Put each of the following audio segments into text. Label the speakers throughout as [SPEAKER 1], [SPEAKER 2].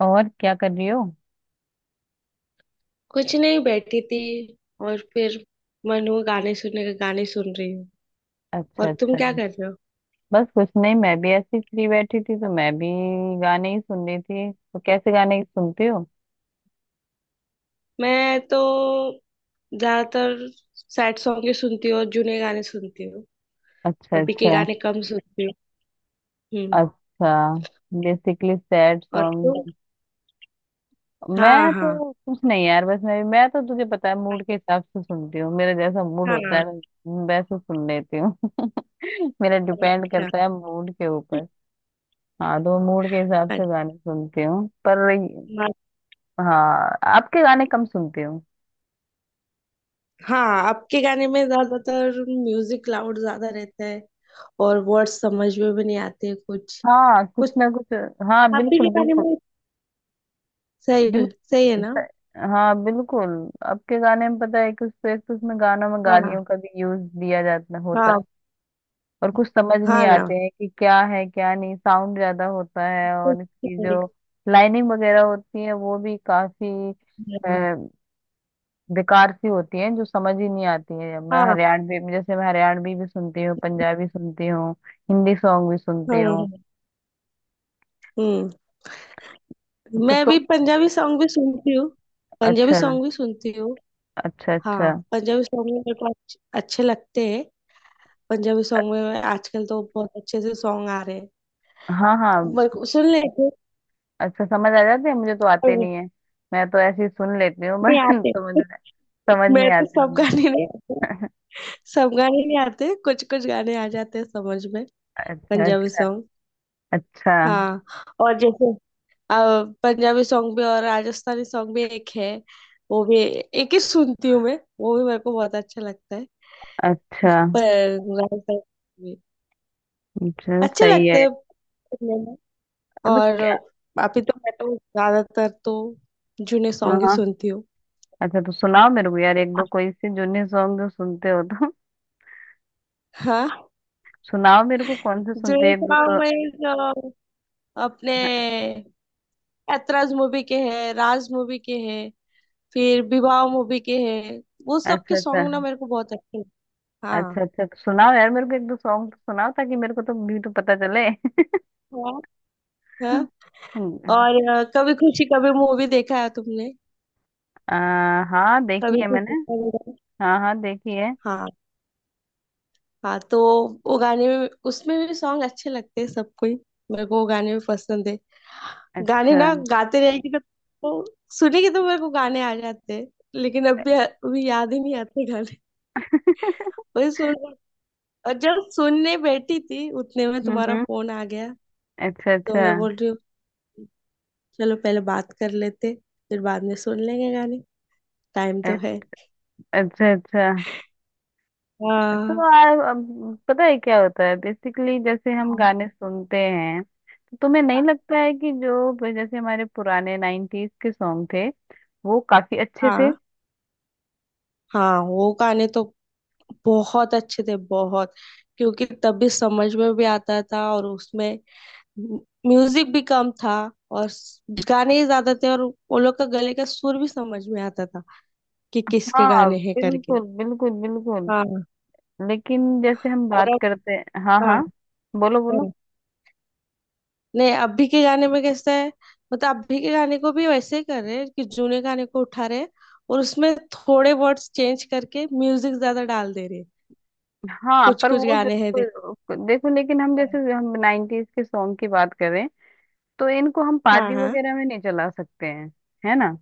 [SPEAKER 1] और क्या कर रही हो।
[SPEAKER 2] कुछ नहीं बैठी थी। और फिर मन हुआ गाने सुनने का, गाने सुन रही हूँ।
[SPEAKER 1] अच्छा
[SPEAKER 2] और तुम
[SPEAKER 1] अच्छा।
[SPEAKER 2] क्या कर रहे हो।
[SPEAKER 1] बस कुछ नहीं, मैं भी ऐसी फ्री बैठी थी तो मैं भी गाने ही सुन रही थी। तो कैसे गाने सुनती हो?
[SPEAKER 2] मैं तो ज्यादातर सैड सॉन्ग ही सुनती हूँ और जुने गाने सुनती हूँ।
[SPEAKER 1] अच्छा
[SPEAKER 2] अभी के
[SPEAKER 1] अच्छा।
[SPEAKER 2] गाने कम सुनती हूँ। हम्म।
[SPEAKER 1] अच्छा, बेसिकली सैड
[SPEAKER 2] और तुम।
[SPEAKER 1] सॉन्ग।
[SPEAKER 2] हाँ
[SPEAKER 1] मैं
[SPEAKER 2] हाँ
[SPEAKER 1] तो कुछ नहीं यार, बस मैं तो तुझे पता है, मूड के हिसाब से सुनती हूँ। मेरा जैसा मूड होता
[SPEAKER 2] हाँ।
[SPEAKER 1] है मैं वैसे सुन लेती हूँ मेरा डिपेंड
[SPEAKER 2] अच्छा
[SPEAKER 1] करता है मूड के ऊपर। हाँ, तो मूड के हिसाब से गाने सुनती हूँ पर
[SPEAKER 2] अच्छा।
[SPEAKER 1] हाँ आपके गाने कम सुनती हूँ।
[SPEAKER 2] हाँ, अब के गाने में ज्यादातर म्यूजिक लाउड ज्यादा रहता है और वर्ड्स समझ में भी नहीं आते कुछ
[SPEAKER 1] हाँ, कुछ
[SPEAKER 2] कुछ,
[SPEAKER 1] ना कुछ। हाँ
[SPEAKER 2] अभी
[SPEAKER 1] बिल्कुल
[SPEAKER 2] के गाने
[SPEAKER 1] बिल्कुल।
[SPEAKER 2] में। सही। सही है
[SPEAKER 1] बिल्कुल
[SPEAKER 2] ना।
[SPEAKER 1] स- हाँ बिल्कुल। अब के गाने में पता है कुछ तो, एक तो उसमें गानों में
[SPEAKER 2] हाँ
[SPEAKER 1] गालियों का भी यूज दिया जाता होता है।
[SPEAKER 2] हाँ।
[SPEAKER 1] और कुछ समझ नहीं
[SPEAKER 2] हाँ ना।
[SPEAKER 1] आते हैं कि क्या है क्या नहीं, साउंड ज्यादा होता है। और इसकी
[SPEAKER 2] ओके।
[SPEAKER 1] जो लाइनिंग वगैरह होती है वो भी काफी अ, बेकार सी होती है, जो समझ ही नहीं आती है।
[SPEAKER 2] हाँ।
[SPEAKER 1] मैं हरियाणवी भी सुनती हूँ, पंजाबी सुनती हूँ, हिंदी सॉन्ग भी सुनती
[SPEAKER 2] हम्म
[SPEAKER 1] हूँ।
[SPEAKER 2] हम्म।
[SPEAKER 1] तो
[SPEAKER 2] मैं भी
[SPEAKER 1] तुम।
[SPEAKER 2] पंजाबी सॉन्ग भी सुनती हूँ। पंजाबी
[SPEAKER 1] अच्छा
[SPEAKER 2] सॉन्ग भी सुनती हूँ।
[SPEAKER 1] अच्छा। अच्छा।
[SPEAKER 2] हाँ, पंजाबी सॉन्ग भी मेरे को अच्छे अच्छे लगते हैं। पंजाबी सॉन्ग में आजकल तो बहुत अच्छे से सॉन्ग आ रहे हैं।
[SPEAKER 1] हाँ हाँ।
[SPEAKER 2] मेरे को सुन लेते हैं,
[SPEAKER 1] अच्छा, समझ आ जाते हैं? मुझे तो
[SPEAKER 2] पर
[SPEAKER 1] आते नहीं है, मैं तो ऐसे ही सुन लेती हूँ
[SPEAKER 2] इतने
[SPEAKER 1] बट
[SPEAKER 2] आते हैं।
[SPEAKER 1] समझ नहीं
[SPEAKER 2] मैं तो,
[SPEAKER 1] आते
[SPEAKER 2] सब
[SPEAKER 1] मुझे।
[SPEAKER 2] गाने नहीं आते। सब गाने नहीं आते, कुछ कुछ गाने आ जाते हैं समझ में।
[SPEAKER 1] अच्छा
[SPEAKER 2] पंजाबी
[SPEAKER 1] अच्छा।
[SPEAKER 2] सॉन्ग।
[SPEAKER 1] अच्छा।
[SPEAKER 2] हाँ। और जैसे अब पंजाबी सॉन्ग भी और राजस्थानी सॉन्ग भी एक है। वो भी एक ही सुनती हूँ मैं, वो भी मेरे को बहुत अच्छा लगता है।
[SPEAKER 1] अच्छा
[SPEAKER 2] पर राजस्थानी भी
[SPEAKER 1] अच्छा,
[SPEAKER 2] अच्छे
[SPEAKER 1] सही
[SPEAKER 2] लगते
[SPEAKER 1] है।
[SPEAKER 2] हैं सुनने में।
[SPEAKER 1] अब
[SPEAKER 2] और
[SPEAKER 1] क्या।
[SPEAKER 2] अभी तो मैं तो ज्यादातर तो जुने
[SPEAKER 1] हाँ
[SPEAKER 2] सॉन्ग ही
[SPEAKER 1] हाँ,
[SPEAKER 2] सुनती हूँ।
[SPEAKER 1] अच्छा तो सुनाओ मेरे को यार एक दो कोई से जूनी सॉन्ग जो सुनते हो तो
[SPEAKER 2] हाँ।
[SPEAKER 1] सुनाओ मेरे को, कौन से सुनते
[SPEAKER 2] जुने
[SPEAKER 1] हैं एक दो
[SPEAKER 2] सॉन्ग
[SPEAKER 1] तो।
[SPEAKER 2] में जो अपने ऐतराज मूवी के हैं, राज मूवी के हैं, फिर विवाह मूवी के हैं, वो सब के
[SPEAKER 1] अच्छा अच्छा।
[SPEAKER 2] सॉन्ग ना मेरे को बहुत अच्छे लगते हैं।
[SPEAKER 1] अच्छा
[SPEAKER 2] हाँ
[SPEAKER 1] अच्छा, तो सुनाओ यार मेरे को एक दो सॉन्ग तो सुनाओ, ताकि मेरे को तो भी तो पता चले
[SPEAKER 2] हाँ। और कभी खुशी कभी मूवी देखा है तुमने।
[SPEAKER 1] आ, हाँ देखी
[SPEAKER 2] कभी
[SPEAKER 1] है
[SPEAKER 2] खुशी
[SPEAKER 1] मैंने।
[SPEAKER 2] कभी गम।
[SPEAKER 1] हाँ हाँ देखी है।
[SPEAKER 2] हाँ हाँ। तो वो गाने में, उसमें भी सॉन्ग अच्छे लगते हैं सबको ही। मेरे को वो गाने भी पसंद है। गाने
[SPEAKER 1] अच्छा,
[SPEAKER 2] ना गाते रहेगी तो सुनेगी तो मेरे को गाने आ जाते हैं। लेकिन अभी अभी याद ही नहीं आते गाने। वही सुन रही- और जब सुनने बैठी थी उतने में तुम्हारा
[SPEAKER 1] हम्म।
[SPEAKER 2] फोन आ गया,
[SPEAKER 1] अच्छा अच्छा।
[SPEAKER 2] तो मैं बोल रही हूँ चलो पहले बात कर लेते, फिर बाद में सुन लेंगे गाने। टाइम तो
[SPEAKER 1] अ-
[SPEAKER 2] है।
[SPEAKER 1] अच्छा अच्छा। तो
[SPEAKER 2] हाँ
[SPEAKER 1] अब पता है क्या होता है, बेसिकली जैसे हम
[SPEAKER 2] हाँ
[SPEAKER 1] गाने सुनते हैं तो तुम्हें नहीं लगता है कि जो जैसे हमारे पुराने 90s के सॉन्ग थे वो काफी अच्छे थे।
[SPEAKER 2] हाँ हाँ। वो गाने तो बहुत अच्छे थे, बहुत। क्योंकि तभी समझ में भी आता था और उसमें म्यूजिक भी कम था और गाने ही ज्यादा थे। और वो लोग का गले का सुर भी समझ में आता था कि किसके
[SPEAKER 1] हाँ
[SPEAKER 2] गाने हैं करके।
[SPEAKER 1] बिल्कुल बिल्कुल बिल्कुल।
[SPEAKER 2] हाँ।
[SPEAKER 1] लेकिन जैसे हम
[SPEAKER 2] और
[SPEAKER 1] बात
[SPEAKER 2] अब।
[SPEAKER 1] करते हैं। हाँ
[SPEAKER 2] हाँ
[SPEAKER 1] हाँ, बोलो बोलो।
[SPEAKER 2] हाँ। नहीं, अभी के गाने में कैसा है, मतलब अभी के गाने को भी वैसे ही कर रहे हैं कि जूने गाने को उठा रहे हैं और उसमें थोड़े वर्ड्स चेंज करके म्यूजिक ज्यादा डाल दे रहे हैं।
[SPEAKER 1] हाँ
[SPEAKER 2] कुछ
[SPEAKER 1] पर
[SPEAKER 2] कुछ
[SPEAKER 1] वो
[SPEAKER 2] गाने हैं
[SPEAKER 1] देखो
[SPEAKER 2] देखो।
[SPEAKER 1] देखो लेकिन
[SPEAKER 2] हाँ
[SPEAKER 1] हम 90s के सॉन्ग की बात करें तो इनको हम
[SPEAKER 2] हाँ
[SPEAKER 1] पार्टी
[SPEAKER 2] हाँ।
[SPEAKER 1] वगैरह में नहीं चला सकते हैं। है ना।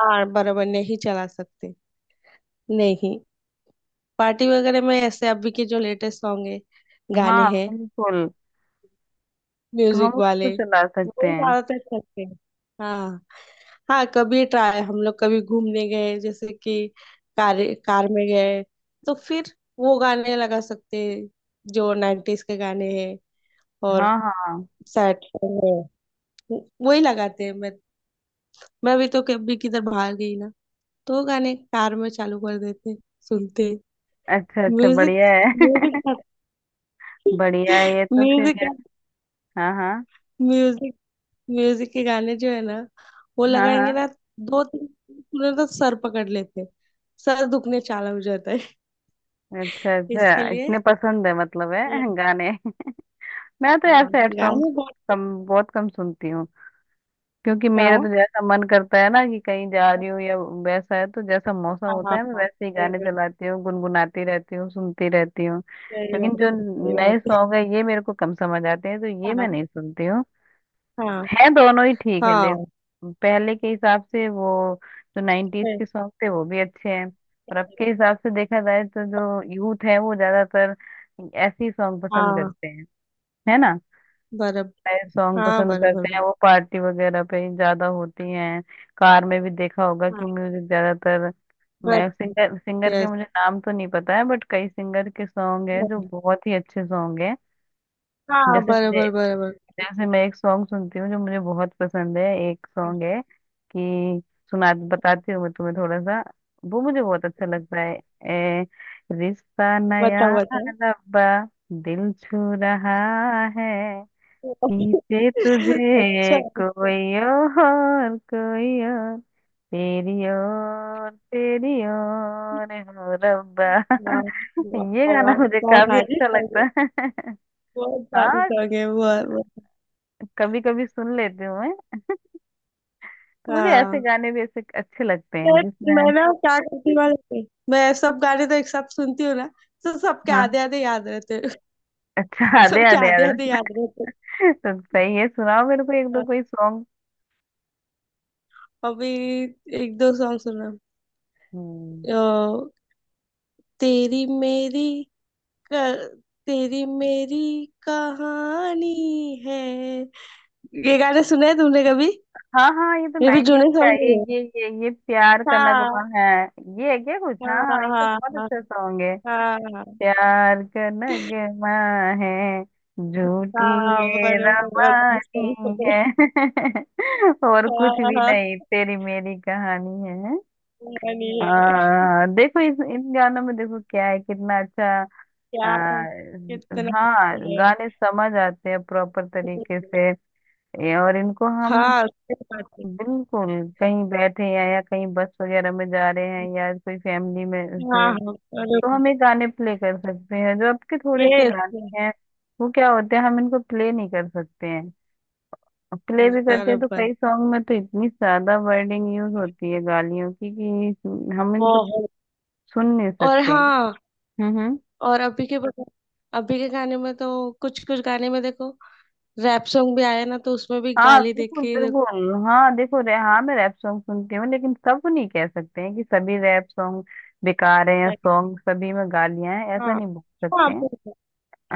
[SPEAKER 2] हाँ बराबर, नहीं चला सकते। नहीं, पार्टी वगैरह में ऐसे अभी के जो लेटेस्ट सॉन्ग है, गाने
[SPEAKER 1] हाँ
[SPEAKER 2] हैं,
[SPEAKER 1] बिल्कुल, तो
[SPEAKER 2] म्यूजिक
[SPEAKER 1] हम
[SPEAKER 2] वाले,
[SPEAKER 1] उसको चला सकते
[SPEAKER 2] वही
[SPEAKER 1] हैं।
[SPEAKER 2] ज्यादातर चलते हैं। हाँ हाँ। कभी ट्राई, हम लोग कभी घूमने गए जैसे कि कार कार में गए, तो फिर वो गाने लगा सकते हैं जो 90s के गाने हैं। और
[SPEAKER 1] हाँ हाँ।
[SPEAKER 2] सैड सॉन्ग है, वही लगाते हैं। मैं अभी तो कभी किधर बाहर गई ना, तो वो गाने कार में चालू कर देते हैं, सुनते हैं।
[SPEAKER 1] अच्छा अच्छा,
[SPEAKER 2] म्यूजिक
[SPEAKER 1] बढ़िया है
[SPEAKER 2] म्यूजिक
[SPEAKER 1] बढ़िया है ये तो फिर।
[SPEAKER 2] म्यूजिक
[SPEAKER 1] हाँ हाँ
[SPEAKER 2] म्यूजिक म्यूजिक के गाने जो है ना, वो
[SPEAKER 1] हाँ हाँ।
[SPEAKER 2] लगाएंगे ना। दो तीन सुने तो सर पकड़ लेते हैं। सर दुखने चाला हो जाता है
[SPEAKER 1] अच्छा
[SPEAKER 2] इसके
[SPEAKER 1] अच्छा,
[SPEAKER 2] लिए।
[SPEAKER 1] इतने पसंद है मतलब है
[SPEAKER 2] हम्म।
[SPEAKER 1] गाने मैं तो
[SPEAKER 2] हाँ,
[SPEAKER 1] यार सैड सॉन्ग
[SPEAKER 2] गाने बहुत
[SPEAKER 1] कम, बहुत कम सुनती हूँ। क्योंकि
[SPEAKER 2] अच्छा
[SPEAKER 1] मेरा
[SPEAKER 2] है।
[SPEAKER 1] तो जैसा मन करता है ना, कि कहीं जा रही हूँ या वैसा है तो जैसा मौसम
[SPEAKER 2] हाँ
[SPEAKER 1] होता
[SPEAKER 2] हाँ
[SPEAKER 1] है मैं
[SPEAKER 2] हाँ,
[SPEAKER 1] वैसे ही
[SPEAKER 2] सही
[SPEAKER 1] गाने
[SPEAKER 2] बात,
[SPEAKER 1] चलाती हूँ, गुनगुनाती रहती हूँ, सुनती रहती हूँ।
[SPEAKER 2] सही
[SPEAKER 1] लेकिन
[SPEAKER 2] बात
[SPEAKER 1] जो
[SPEAKER 2] है, सही
[SPEAKER 1] नए
[SPEAKER 2] बात
[SPEAKER 1] सॉन्ग है ये मेरे को कम समझ आते हैं, तो
[SPEAKER 2] है।
[SPEAKER 1] ये
[SPEAKER 2] हाँ
[SPEAKER 1] मैं नहीं सुनती
[SPEAKER 2] हाँ
[SPEAKER 1] है। दोनों ही ठीक है देख।
[SPEAKER 2] हाँ,
[SPEAKER 1] पहले के हिसाब से वो जो 90s के
[SPEAKER 2] सही
[SPEAKER 1] सॉन्ग थे वो भी अच्छे हैं। और अब
[SPEAKER 2] सही।
[SPEAKER 1] के हिसाब से देखा जाए तो जो यूथ है वो ज्यादातर ऐसे ही सॉन्ग पसंद
[SPEAKER 2] हाँ
[SPEAKER 1] करते हैं, है ना।
[SPEAKER 2] बराबर।
[SPEAKER 1] सॉन्ग
[SPEAKER 2] हाँ
[SPEAKER 1] पसंद
[SPEAKER 2] बराबर
[SPEAKER 1] करते हैं,
[SPEAKER 2] बात।
[SPEAKER 1] वो पार्टी वगैरह पे ही ज्यादा होती हैं। कार में भी देखा होगा कि
[SPEAKER 2] हाँ
[SPEAKER 1] म्यूजिक ज्यादातर। मैं
[SPEAKER 2] बराबर।
[SPEAKER 1] सिंगर सिंगर के
[SPEAKER 2] यस।
[SPEAKER 1] मुझे नाम तो नहीं पता है बट कई सिंगर के सॉन्ग है जो बहुत ही अच्छे सॉन्ग है।
[SPEAKER 2] हाँ
[SPEAKER 1] जैसे मुझे,
[SPEAKER 2] बराबर बराबर।
[SPEAKER 1] जैसे मैं एक सॉन्ग सुनती हूँ जो मुझे बहुत पसंद है। एक सॉन्ग है कि, सुना बताती हूँ मैं तुम्हें थोड़ा सा, वो मुझे बहुत अच्छा लगता है। ए, रिश्ता नया
[SPEAKER 2] बताओ बताओ।
[SPEAKER 1] रब्बा, दिल छू रहा है, खींचे
[SPEAKER 2] अच्छा
[SPEAKER 1] तुझे
[SPEAKER 2] अच्छा।
[SPEAKER 1] कोई और कोई और, तेरी और तेरी और हो रब्बा
[SPEAKER 2] वाह वाह।
[SPEAKER 1] ये गाना
[SPEAKER 2] वाह,
[SPEAKER 1] मुझे
[SPEAKER 2] क्या
[SPEAKER 1] काफी
[SPEAKER 2] भारी
[SPEAKER 1] अच्छा
[SPEAKER 2] शौक
[SPEAKER 1] लगता
[SPEAKER 2] है,
[SPEAKER 1] है
[SPEAKER 2] बहुत भारी
[SPEAKER 1] हाँ
[SPEAKER 2] शौक है, बहुत बहुत।
[SPEAKER 1] कभी कभी सुन लेती हूँ मैं। तो मुझे ऐसे
[SPEAKER 2] हाँ,
[SPEAKER 1] गाने भी ऐसे अच्छे लगते हैं
[SPEAKER 2] तो
[SPEAKER 1] जिसमें।
[SPEAKER 2] मैं ना क्या करती वाले थी, मैं सब गाने तो एक साथ सुनती हूँ ना, तो सबके
[SPEAKER 1] हाँ।
[SPEAKER 2] आधे आधे याद रहते हैं।
[SPEAKER 1] अच्छा, आधे
[SPEAKER 2] सबके
[SPEAKER 1] आधे
[SPEAKER 2] आधे आधे
[SPEAKER 1] आधे
[SPEAKER 2] याद रहते हैं।
[SPEAKER 1] तो सही है, सुनाओ मेरे को एक दो
[SPEAKER 2] हाँ।
[SPEAKER 1] कोई सॉन्ग।
[SPEAKER 2] अभी एक दो सॉन्ग सुना।
[SPEAKER 1] हम्म।
[SPEAKER 2] अ, तेरी मेरी क- तेरी मेरी कहानी है, ये गाने सुने हैं तुमने कभी।
[SPEAKER 1] हाँ हाँ ये तो
[SPEAKER 2] ये भी
[SPEAKER 1] 90s
[SPEAKER 2] जूने
[SPEAKER 1] का है,
[SPEAKER 2] सॉन्ग ही है।
[SPEAKER 1] ये प्यार का नगमा
[SPEAKER 2] हाँ
[SPEAKER 1] है। ये है क्या कुछ, हाँ
[SPEAKER 2] हाँ हाँ
[SPEAKER 1] हाँ ये तो बहुत
[SPEAKER 2] हाँ
[SPEAKER 1] अच्छा सॉन्ग है।
[SPEAKER 2] हाँ हाँ।
[SPEAKER 1] प्यार का नगमा है, झूठी
[SPEAKER 2] हाँ,
[SPEAKER 1] ये
[SPEAKER 2] बराबर
[SPEAKER 1] रवानी
[SPEAKER 2] सही
[SPEAKER 1] है
[SPEAKER 2] पकड़े।
[SPEAKER 1] और
[SPEAKER 2] हाँ
[SPEAKER 1] कुछ भी
[SPEAKER 2] हाँ,
[SPEAKER 1] नहीं तेरी मेरी कहानी है।
[SPEAKER 2] funny है।
[SPEAKER 1] हाँ देखो इस इन गानों में देखो क्या है, कितना अच्छा।
[SPEAKER 2] क्या कितना
[SPEAKER 1] हाँ,
[SPEAKER 2] है।
[SPEAKER 1] गाने समझ आते हैं प्रॉपर तरीके से। और इनको हम
[SPEAKER 2] हाँ, सही बात है।
[SPEAKER 1] बिल्कुल, कहीं बैठे हैं या कहीं बस वगैरह में जा रहे हैं या कोई फैमिली में
[SPEAKER 2] हाँ
[SPEAKER 1] से,
[SPEAKER 2] हाँ
[SPEAKER 1] तो
[SPEAKER 2] बराबर।
[SPEAKER 1] हम ये गाने प्ले कर सकते हैं। जो आपके थोड़े से
[SPEAKER 2] यस।
[SPEAKER 1] गाने हैं वो क्या होते हैं, हम इनको प्ले नहीं कर सकते हैं। प्ले भी करते हैं तो
[SPEAKER 2] बराबर,
[SPEAKER 1] कई सॉन्ग में तो इतनी ज्यादा वर्डिंग यूज होती है गालियों की कि हम इनको
[SPEAKER 2] बहुत।
[SPEAKER 1] सुन नहीं
[SPEAKER 2] और
[SPEAKER 1] सकते।
[SPEAKER 2] हाँ,
[SPEAKER 1] हम्म।
[SPEAKER 2] और अभी के बता। अभी के गाने में तो कुछ कुछ गाने में देखो, रैप सॉन्ग भी आया ना, तो उसमें भी
[SPEAKER 1] हाँ
[SPEAKER 2] गाली दे
[SPEAKER 1] बिल्कुल
[SPEAKER 2] के ही देखो,
[SPEAKER 1] बिल्कुल। हाँ देखो रे, हाँ मैं रैप सॉन्ग सुनती हूँ लेकिन सब नहीं कह सकते हैं कि सभी रैप सॉन्ग बेकार हैं या
[SPEAKER 2] क्या है।
[SPEAKER 1] सॉन्ग सभी में गालियां हैं, ऐसा
[SPEAKER 2] हाँ
[SPEAKER 1] नहीं बोल सकते
[SPEAKER 2] हाँ,
[SPEAKER 1] हैं।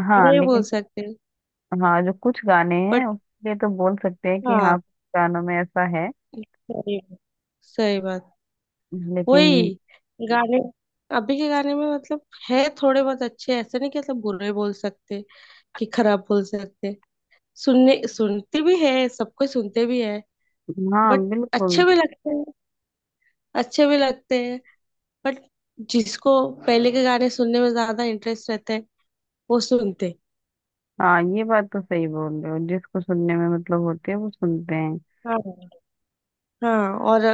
[SPEAKER 1] हाँ
[SPEAKER 2] ये बोल
[SPEAKER 1] लेकिन
[SPEAKER 2] सकते हैं।
[SPEAKER 1] हाँ, जो कुछ गाने
[SPEAKER 2] बट
[SPEAKER 1] हैं उसके लिए तो बोल सकते हैं कि हाँ
[SPEAKER 2] हाँ,
[SPEAKER 1] कुछ गानों में ऐसा है
[SPEAKER 2] सही बात- सही बात।
[SPEAKER 1] लेकिन।
[SPEAKER 2] वही गाने, अभी के गाने में मतलब, है थोड़े बहुत अच्छे, ऐसे नहीं कि मतलब बुरे बोल सकते, कि खराब बोल सकते। सुनने सुनते भी है, सब कोई सुनते भी है।
[SPEAKER 1] हाँ
[SPEAKER 2] बट
[SPEAKER 1] बिल्कुल।
[SPEAKER 2] अच्छे भी लगते हैं, अच्छे भी लगते हैं। बट जिसको पहले के गाने सुनने में ज्यादा इंटरेस्ट रहता है, वो सुनते हैं।
[SPEAKER 1] हाँ, ये बात तो सही बोल रहे हो, जिसको सुनने में मतलब होती है वो सुनते हैं।
[SPEAKER 2] हाँ हाँ। और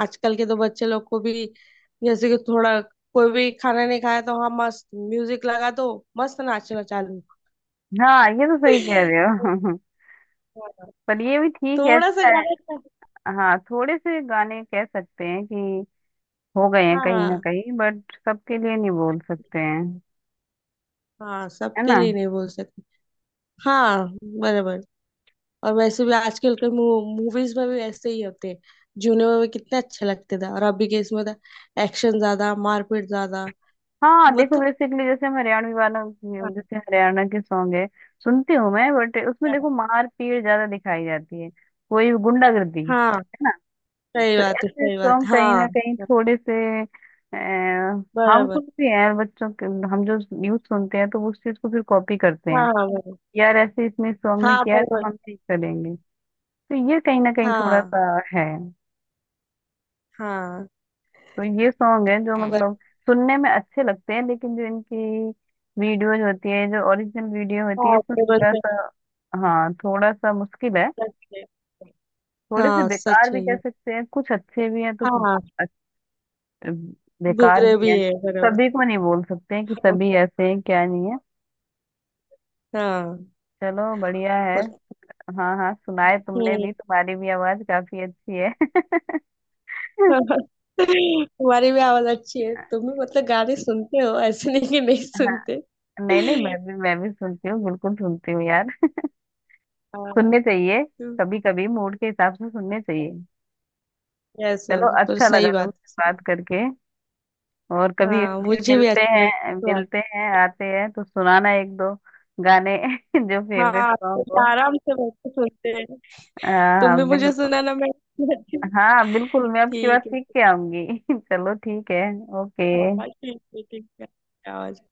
[SPEAKER 2] आजकल के तो बच्चे लोग को भी, जैसे कि थोड़ा, कोई भी खाना नहीं खाया तो हाँ, मस्त म्यूजिक लगा दो, मस्त नाचना चालू।
[SPEAKER 1] हाँ ये तो सही कह रहे हो
[SPEAKER 2] हाँ।
[SPEAKER 1] पर ये भी ठीक है,
[SPEAKER 2] थोड़ा सा
[SPEAKER 1] अच्छा है।
[SPEAKER 2] गाना अच्छा।
[SPEAKER 1] हाँ, थोड़े से गाने कह सकते हैं कि हो गए हैं कहीं ना
[SPEAKER 2] हाँ
[SPEAKER 1] कहीं, बट सबके लिए नहीं बोल सकते हैं,
[SPEAKER 2] हाँ,
[SPEAKER 1] है
[SPEAKER 2] सबके
[SPEAKER 1] ना।
[SPEAKER 2] लिए नहीं बोल सकते। हाँ बराबर। और वैसे भी आजकल के मूवीज में भी ऐसे ही होते हैं। जूने में भी कितने अच्छे लगते थे, और अभी के इसमें था एक्शन ज्यादा, मारपीट ज्यादा।
[SPEAKER 1] हाँ देखो
[SPEAKER 2] मतलब,
[SPEAKER 1] बेसिकली जैसे हम हरियाणवी वालों की-
[SPEAKER 2] हाँ
[SPEAKER 1] जैसे हरियाणा के सॉन्ग है, सुनती हूँ मैं, बट उसमें देखो मार पीट ज्यादा दिखाई जाती है, कोई गुंडागर्दी,
[SPEAKER 2] हाँ,
[SPEAKER 1] है ना।
[SPEAKER 2] सही
[SPEAKER 1] तो
[SPEAKER 2] बात है,
[SPEAKER 1] ऐसे
[SPEAKER 2] सही बात।
[SPEAKER 1] सॉन्ग कहीं ना
[SPEAKER 2] हाँ
[SPEAKER 1] कहीं थोड़े से हार्मफुल
[SPEAKER 2] बराबर।
[SPEAKER 1] भी है बच्चों के। हम जो यूथ सुनते हैं तो वो उस चीज को फिर कॉपी करते
[SPEAKER 2] हाँ
[SPEAKER 1] हैं,
[SPEAKER 2] हाँ बराबर।
[SPEAKER 1] यार ऐसे इसने सॉन्ग में
[SPEAKER 2] हाँ
[SPEAKER 1] किया है तो
[SPEAKER 2] बराबर।
[SPEAKER 1] हम भी करेंगे। तो ये कहीं ना कहीं थोड़ा
[SPEAKER 2] हाँ
[SPEAKER 1] सा है।
[SPEAKER 2] हाँ
[SPEAKER 1] तो ये सॉन्ग है जो
[SPEAKER 2] बराबर।
[SPEAKER 1] मतलब सुनने में अच्छे लगते हैं लेकिन जो इनकी वीडियोज होती है, जो ओरिजिनल वीडियो होती है,
[SPEAKER 2] हाँ
[SPEAKER 1] इसमें
[SPEAKER 2] बराबर,
[SPEAKER 1] थोड़ा
[SPEAKER 2] सही बात,
[SPEAKER 1] सा, हाँ थोड़ा सा मुश्किल है।
[SPEAKER 2] सच है।
[SPEAKER 1] थोड़े से
[SPEAKER 2] हाँ,
[SPEAKER 1] बेकार
[SPEAKER 2] सच
[SPEAKER 1] भी
[SPEAKER 2] है
[SPEAKER 1] कह
[SPEAKER 2] ये।
[SPEAKER 1] सकते हैं, कुछ अच्छे भी हैं तो कुछ
[SPEAKER 2] हाँ,
[SPEAKER 1] अच्छ- बेकार
[SPEAKER 2] बुरे
[SPEAKER 1] भी
[SPEAKER 2] भी
[SPEAKER 1] हैं।
[SPEAKER 2] है बराबर।
[SPEAKER 1] सभी को नहीं बोल सकते हैं कि
[SPEAKER 2] हाँ
[SPEAKER 1] सभी ऐसे हैं क्या नहीं है।
[SPEAKER 2] हाँ।
[SPEAKER 1] चलो बढ़िया है।
[SPEAKER 2] और।
[SPEAKER 1] हाँ हाँ सुनाए तुमने
[SPEAKER 2] हम्म।
[SPEAKER 1] भी, तुम्हारी भी आवाज काफी अच्छी है
[SPEAKER 2] तुम्हारी भी आवाज अच्छी है, तुम भी मतलब गाने सुनते हो, ऐसे नहीं कि नहीं सुनते।
[SPEAKER 1] नहीं नहीं मैं भी सुनती हूँ, बिल्कुल सुनती हूँ यार।
[SPEAKER 2] हाँ।
[SPEAKER 1] सुनने चाहिए, कभी कभी मूड के हिसाब से सुनने चाहिए।
[SPEAKER 2] यस
[SPEAKER 1] चलो
[SPEAKER 2] यस, पर
[SPEAKER 1] अच्छा लगा
[SPEAKER 2] सही बात है,
[SPEAKER 1] तुमसे
[SPEAKER 2] सही।
[SPEAKER 1] बात करके। और कभी
[SPEAKER 2] हाँ,
[SPEAKER 1] फिर
[SPEAKER 2] मुझे भी
[SPEAKER 1] मिलते
[SPEAKER 2] अच्छा
[SPEAKER 1] हैं,
[SPEAKER 2] लगता है।
[SPEAKER 1] मिलते हैं आते हैं तो सुनाना एक दो गाने जो फेवरेट
[SPEAKER 2] हाँ, तो
[SPEAKER 1] सॉन्ग हो।
[SPEAKER 2] आराम से बैठ के सुनते हैं। तुम
[SPEAKER 1] हाँ
[SPEAKER 2] भी मुझे
[SPEAKER 1] बिल्कुल।
[SPEAKER 2] सुनाना, मैं भी सुनाती हूँ।
[SPEAKER 1] हाँ बिल्कुल, मैं अब की बार
[SPEAKER 2] ठीक है।
[SPEAKER 1] सीख के आऊंगी चलो ठीक है। ओके।
[SPEAKER 2] हाँ, ठीक है, ठीक है। आवाज